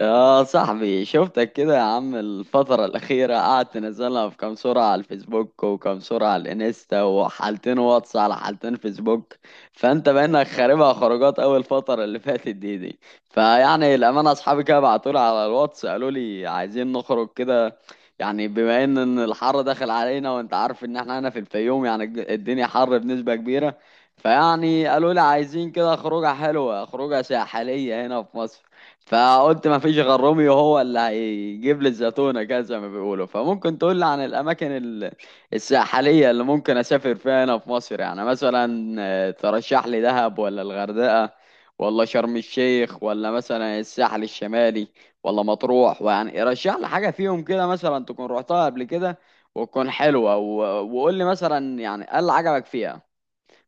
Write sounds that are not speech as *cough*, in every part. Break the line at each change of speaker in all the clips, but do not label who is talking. يا صاحبي شفتك كده يا عم الفترة الأخيرة قعدت تنزلها في كام صورة على الفيسبوك وكام صورة على الإنستا وحالتين واتس على حالتين فيسبوك. فأنت بقينك خاربها خروجات أول الفترة اللي فاتت دي. فيعني الأمانة أصحابي كده بعتولي على الواتس قالوا لي عايزين نخرج كده. يعني بما إن الحر داخل علينا، وأنت عارف إن إحنا هنا في الفيوم، يعني الدنيا حر بنسبة كبيرة. فيعني قالوا لي عايزين كده خروجة حلوة، خروجة ساحلية هنا في مصر. فقلت ما فيش غير روميو هو اللي هيجيب لي الزيتونة كده زي ما بيقولوا. فممكن تقول لي عن الأماكن الساحلية اللي ممكن أسافر فيها هنا في مصر، يعني مثلا ترشح لي دهب، ولا الغردقة، ولا شرم الشيخ، ولا مثلا الساحل الشمالي، ولا مطروح؟ ويعني رشح لي حاجة فيهم كده مثلا تكون رحتها قبل كده وتكون حلوة، وقول لي مثلا يعني إيه اللي عجبك فيها،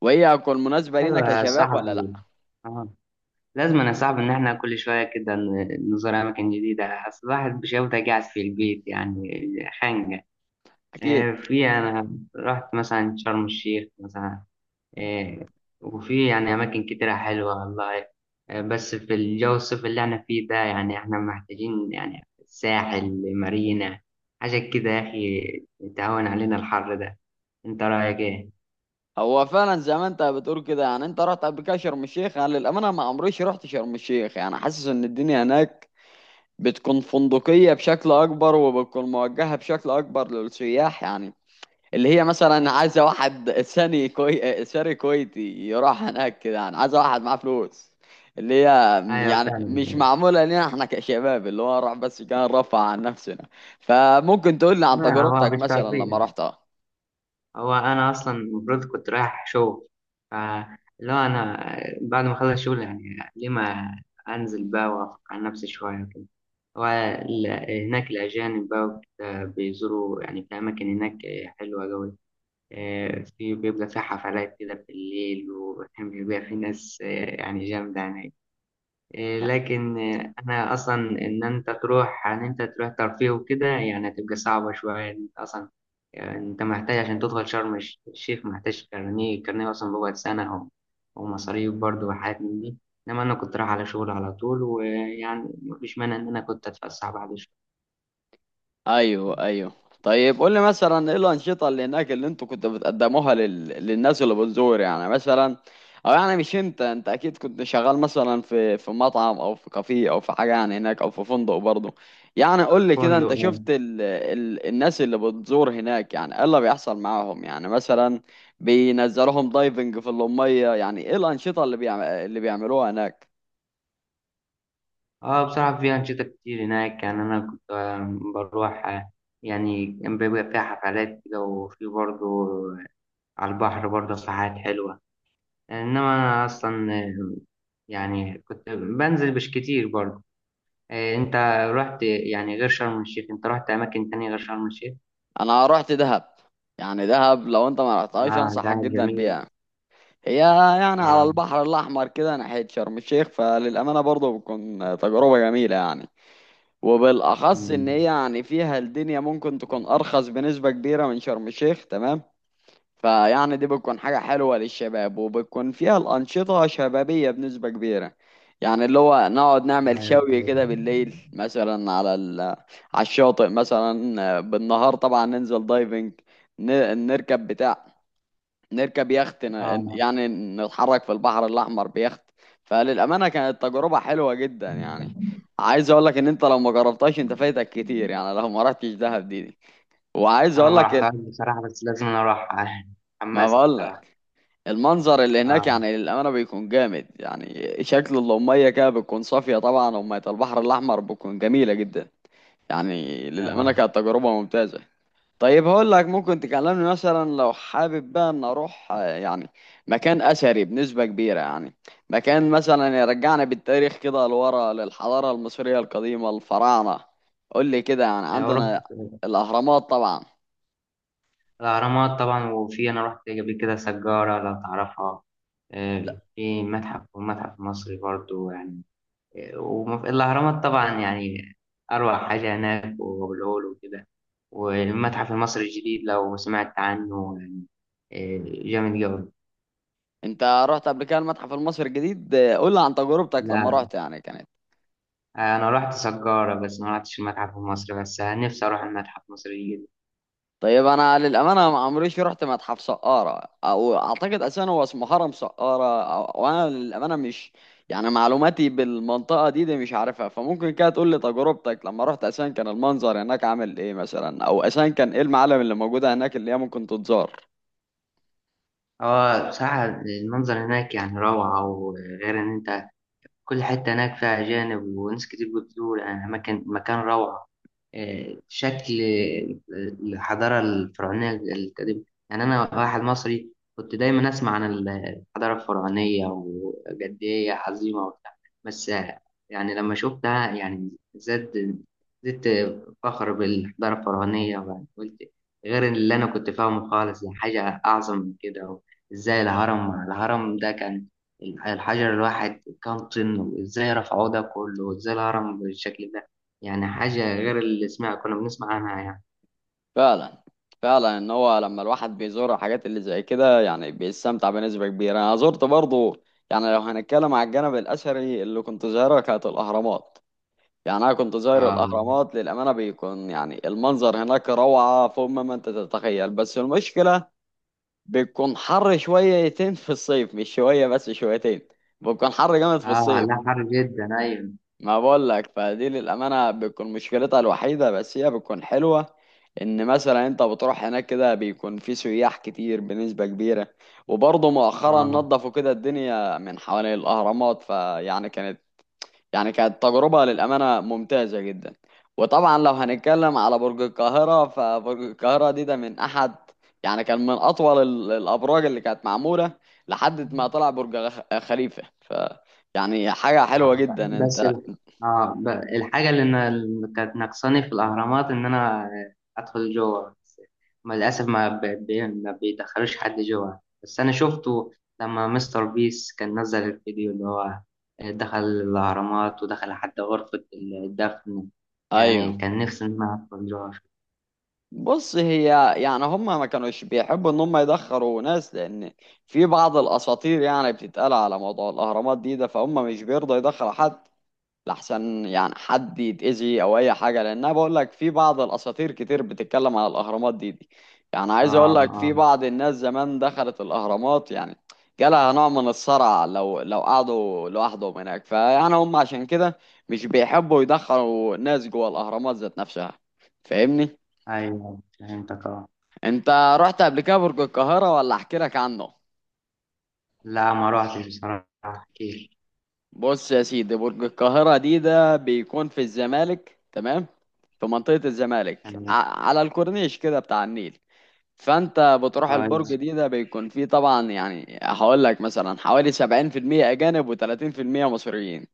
وهي هتكون مناسبة لينا
ايوه يا
كشباب ولا لأ.
صاحبي، اه، لازم يا صاحبي ان احنا كل شويه كده نزور اماكن جديده. اصل الواحد بشوفته قاعد في البيت، يعني خانقه.
أكيد.
آه، في انا رحت مثلا شرم الشيخ. مثلا آه، وفي يعني اماكن كتيره حلوه والله. بس في الجو الصيف اللي احنا فيه ده يعني احنا محتاجين يعني ساحل مارينا، حاجه كده يا اخي تهون علينا الحر ده. انت رايك ايه؟
هو فعلا زي ما انت بتقول كده، يعني انت رحت قبل كده شرم الشيخ. يعني للامانه ما عمريش رحت شرم الشيخ، يعني حاسس ان الدنيا هناك بتكون فندقيه بشكل اكبر، وبتكون موجهه بشكل اكبر للسياح، يعني اللي هي مثلا عايزه واحد ثاني ساري كويتي يروح هناك كده. يعني عايزه واحد معاه فلوس، اللي هي
ايوه
يعني
فعلا.
مش معموله لنا احنا كشباب، اللي هو راح بس كان رفع عن نفسنا. فممكن تقول لي عن
ما هو
تجربتك
مش
مثلا
تعطيه.
لما رحتها.
هو انا اصلا المفروض كنت رايح شغل، فاللي هو انا بعد ما اخلص شغل يعني ليه ما انزل بقى وافك عن نفسي شويه كده. هناك الاجانب بقى وكده بيزوروا يعني في اماكن هناك حلوه قوي. في بيبقى في حفلات كده بالليل، وبيبقى في ناس يعني جامده هناك. إيه، لكن إيه، انا اصلا ان انت تروح ترفيه وكده يعني هتبقى صعبه شويه انت اصلا. يعني انت محتاج عشان تدخل شرم الشيخ، محتاج كارنيه. الكارنيه اصلا بيقعد سنه، و- ومصاريف برضه وحاجات من دي. انما انا كنت رايح على شغل على طول، ويعني مفيش مانع ان انا كنت اتفسح بعد شويه.
ايوه ايوه. طيب قول لي مثلا ايه الانشطه اللي هناك اللي انتوا كنتوا بتقدموها للناس اللي بتزور، يعني مثلا، او يعني مش انت، انت اكيد كنت شغال مثلا في مطعم او في كافيه او في حاجه يعني هناك، او في فندق برضه. يعني قول لي كده، انت
فندق، اه.
شفت الناس اللي بتزور هناك يعني ايه اللي بيحصل معاهم يعني مثلا بينزلوهم دايفنج في الميه، يعني ايه الانشطه اللي بيعملوها هناك.
بصراحه في انشطه كتير هناك. يعني انا كنت بروح. يعني كان بيبقى فيها حفلات كده، وفي برضه على البحر برضه ساعات حلوه. انما انا اصلا يعني كنت بنزل مش كتير برضه. انت رحت يعني غير شرم الشيخ؟ انت رحت اماكن تانية غير شرم الشيخ؟
انا رحت دهب. يعني دهب لو انت ما رحتهاش
اه، ده
انصحك جدا
جميل.
بيها. هي يعني على
اه.
البحر الأحمر كده ناحية شرم الشيخ، فللأمانة برضه بتكون تجربة جميلة يعني. وبالأخص إن
مم.
هي يعني فيها الدنيا ممكن تكون أرخص بنسبة كبيرة من شرم الشيخ، تمام. فيعني دي بتكون حاجة حلوة للشباب، وبتكون فيها الأنشطة شبابية بنسبة كبيرة، يعني اللي هو نقعد نعمل
ايوه،
شوي
كويس.
كده بالليل مثلا على على الشاطئ، مثلا بالنهار طبعا ننزل دايفنج، نركب بتاع، نركب يخت،
اه.
يعني نتحرك في البحر الأحمر بيخت. فللأمانة كانت تجربة حلوة جدا يعني. عايز أقول لك إن أنت لو ما جربتهاش أنت فايتك كتير، يعني لو ما رحتش دهب دي. وعايز
انا
أقول
ما
لك
رحتهاش بصراحة، بس لازم أنا اروح. *laughs*
ما
حمست
بقول
بصراحة.
لك، المنظر اللي هناك
اه.
يعني للأمانة بيكون جامد، يعني شكل المية كده بتكون صافية طبعا، ومية البحر الأحمر بتكون جميلة جدا. يعني للأمانة
اه.
كانت تجربة ممتازة. طيب هقول لك، ممكن تكلمني مثلا لو حابب بقى ان اروح يعني مكان اثري بنسبة كبيرة، يعني مكان مثلا يرجعنا بالتاريخ كده لورا للحضارة المصرية القديمة الفراعنة. قول لي كده يعني
ورحت
عندنا الاهرامات طبعا.
الاهرامات طبعا. وفي انا رحت قبل كده سجارة لو تعرفها.
لا.
في متحف والمتحف المصري برضه يعني. وفي الأهرامات طبعا، يعني أروع حاجة هناك، وأبو الهول وكده والمتحف المصري الجديد لو سمعت عنه يعني. إيه، جامد جوي.
انت رحت قبل كده المتحف المصري الجديد؟ قول لي عن تجربتك لما
لا،
رحت يعني كانت.
أنا رحت سجارة بس، ما رحتش المتحف المصري، بس نفسي أروح المتحف المصري الجديد.
طيب انا للامانه ما عمريش رحت متحف سقاره، او اعتقد اساسا هو اسمه هرم سقاره وانا للامانه مش يعني معلوماتي بالمنطقه دي مش عارفها، فممكن كده تقول لي تجربتك لما رحت، اساسا كان المنظر هناك عامل ايه مثلا، او اساسا كان ايه المعالم اللي موجوده هناك اللي هي ممكن تتزار.
هو بصراحة المنظر هناك يعني روعة. وغير إن أنت كل حتة هناك فيها أجانب وناس كتير بتزور، يعني مكان روعة. آه، شكل آه، الحضارة الفرعونية القديمة. يعني أنا واحد مصري كنت دايما أسمع عن الحضارة الفرعونية وقد إيه هي عظيمة وبتاع، بس يعني لما شفتها يعني زاد زدت فخر بالحضارة الفرعونية، ويعني قلت غير اللي أنا كنت فاهمه خالص، يعني حاجة أعظم من كده. إزاي الهرم ده كان الحجر الواحد كام طن؟ وازاي رفعوه ده كله؟ وازاي الهرم بالشكل ده؟ يعني حاجة غير اللي كنا بنسمع عنها يعني.
فعلا. فعلا ان هو لما الواحد بيزور حاجات اللي زي كده يعني بيستمتع بنسبه كبيره. انا زرت برضه، يعني لو هنتكلم على الجانب الاثري اللي كنت زايره، كانت الاهرامات. يعني انا كنت زاير
اه،
الاهرامات، للامانه بيكون يعني المنظر هناك روعه فوق ما انت تتخيل، بس المشكله بيكون حر شويتين في الصيف، مش شويه بس شويتين، بيكون حر جامد في
اه.
الصيف.
لا، حر جدا، ايوه.
ما بقول لك، فدي للامانه بتكون مشكلتها الوحيده، بس هي بتكون حلوه ان مثلا انت بتروح هناك كده بيكون في سياح كتير بنسبه كبيره. وبرضه مؤخرا
اه.
نظفوا كده الدنيا من حوالين الاهرامات، فيعني كانت، يعني كانت تجربة للأمانة ممتازة جدا. وطبعا لو هنتكلم على برج القاهرة، فبرج القاهرة دي ده من أحد، يعني كان من أطول الأبراج اللي كانت معمولة لحد ما طلع برج خليفة. ف يعني حاجة حلوة
آه، ب-
جدا
بس
أنت.
ال- آه ب- الحاجة اللي كانت ناقصاني في الأهرامات إن أنا أدخل جوه بس. ما للأسف ما, ب... ب... ما بيدخلوش حد جوه بس. أنا شفته لما مستر بيس كان نزل الفيديو اللي هو دخل الأهرامات ودخل حتى غرفة الدفن.
أيوه.
يعني كان نفسي إن أنا أدخل جوه.
بص، هي يعني هم ما كانوش بيحبوا ان هم يدخروا ناس، لان في بعض الاساطير يعني بتتقال على موضوع الاهرامات دي ده، فهم مش بيرضوا يدخلوا حد لحسن يعني حد يتأذي او اي حاجه. لان انا بقول لك في بعض الاساطير كتير بتتكلم على الاهرامات دي. يعني
آه،
عايز اقول لك في
آه.
بعض الناس زمان دخلت الاهرامات، يعني جالها نوع من الصرع لو قعدوا لوحدهم هناك. فيعني هم عشان كده مش بيحبوا يدخلوا ناس جوه الاهرامات ذات نفسها. فاهمني؟
أيوه، فهمتك. آه.
انت رحت قبل كده برج القاهره، ولا احكي لك عنه؟
لا، ما روحتش بصراحة كتير.
بص يا سيدي، برج القاهرة دي ده بيكون في الزمالك، تمام، في منطقة الزمالك
أنا
على الكورنيش كده بتاع النيل. فانت بتروح البرج
كويس.
دي ده بيكون فيه طبعا، يعني هقول لك مثلا حوالي 70% أجانب و30% مصريين.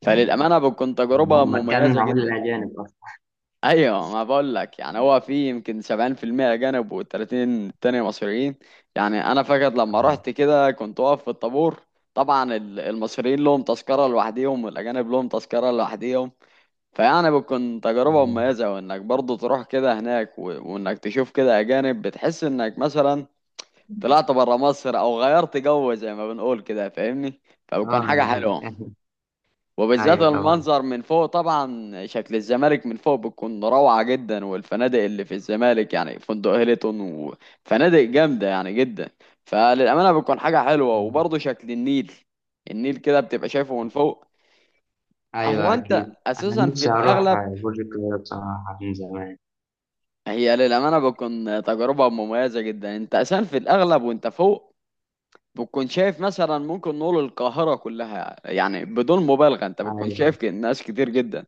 فللأمانة بتكون تجربة
هو مكان
مميزة
معمول
جدا.
للأجانب أصلا.
ايوه، ما بقول لك، يعني هو في يمكن 70% اجانب و30 التانية مصريين. يعني انا فاكر لما رحت كده كنت واقف في الطابور، طبعا المصريين لهم تذكرة لوحديهم، والاجانب لهم تذكرة لوحديهم. فيعني بتكون تجربة
آه.
مميزة، وانك برضو تروح كده هناك وانك تشوف كده اجانب، بتحس انك مثلا طلعت برا مصر او غيرت جو زي ما بنقول كده، فاهمني، فبتكون
اه
حاجة
يعني.
حلوة.
*laughs*
وبالذات
ايوه طبعا.
المنظر من فوق، طبعا شكل الزمالك من فوق بتكون روعة جدا، والفنادق اللي في الزمالك يعني فندق هيلتون وفنادق جامدة يعني جدا. فللأمانة بتكون حاجة حلوة. وبرضه شكل النيل، النيل كده بتبقى شايفه من فوق. هو
ايوه
انت
اكيد، انا
اساسا في
نفسي اروح
الاغلب،
برج القاهره بصراحه من زمان.
هي للأمانة بتكون تجربة مميزة جدا. انت اساسا في الاغلب وانت فوق بتكون شايف مثلا، ممكن نقول القاهرة كلها يعني بدون مبالغة، انت بتكون
ايوه،
شايف ناس كتير جدا.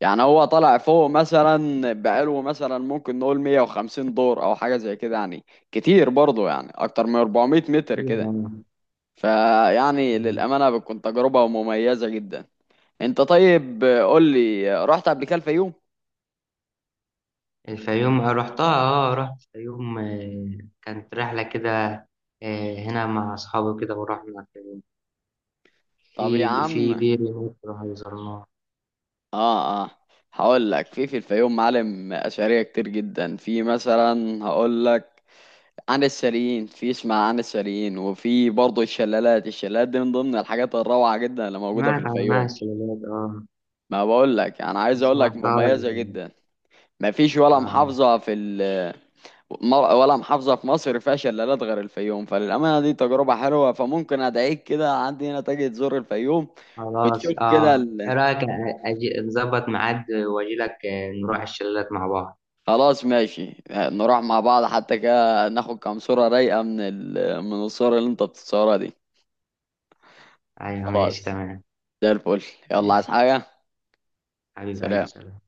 يعني هو طالع فوق مثلا بقاله مثلا ممكن نقول 150 دور او حاجه زي كده، يعني كتير برضه، يعني اكتر من 400 متر
ايوه.
كده. فيعني
مم.
للامانه بتكون تجربه مميزه جدا. انت طيب قول لي، رحت قبل كده الفيوم؟
الفيوم رحتها. اه، رحت الفيوم. كانت رحله كده هنا مع اصحابي كده، ورحنا الفيوم.
طب يا
في
عم،
دير هناك رحنا زرناها.
اه اه، هقول لك في الفيوم معالم اثريه كتير جدا، في مثلا هقول لك عن السريين، في اسمها عن السريين، وفي برضه الشلالات، الشلالات دي من ضمن الحاجات الروعه جدا اللي موجوده في
سمعت عنها
الفيوم.
الشلالات، اه.
ما بقول لك، انا
ما
عايز اقول لك
سمعتهاش.
مميزه جدا. ما فيش ولا
اه،
محافظه في ال ولا محافظه في مصر فيها شلالات غير الفيوم، فللامانه دي تجربه حلوه. فممكن ادعيك كده عندي هنا تجي تزور الفيوم وتشوف
خلاص.
كده
اه، ايه رايك اجي نظبط ميعاد واجي لك نروح الشلالات مع بعض.
خلاص ماشي، نروح مع بعض، حتى كده ناخد كام صوره رايقه من من الصور اللي انت بتصورها دي.
ايوه، ماشي،
خلاص.
تمام.
زي الفل. يلا، عايز
ماشي.
حاجه؟
حبيب قلبي،
سلام.
سلام.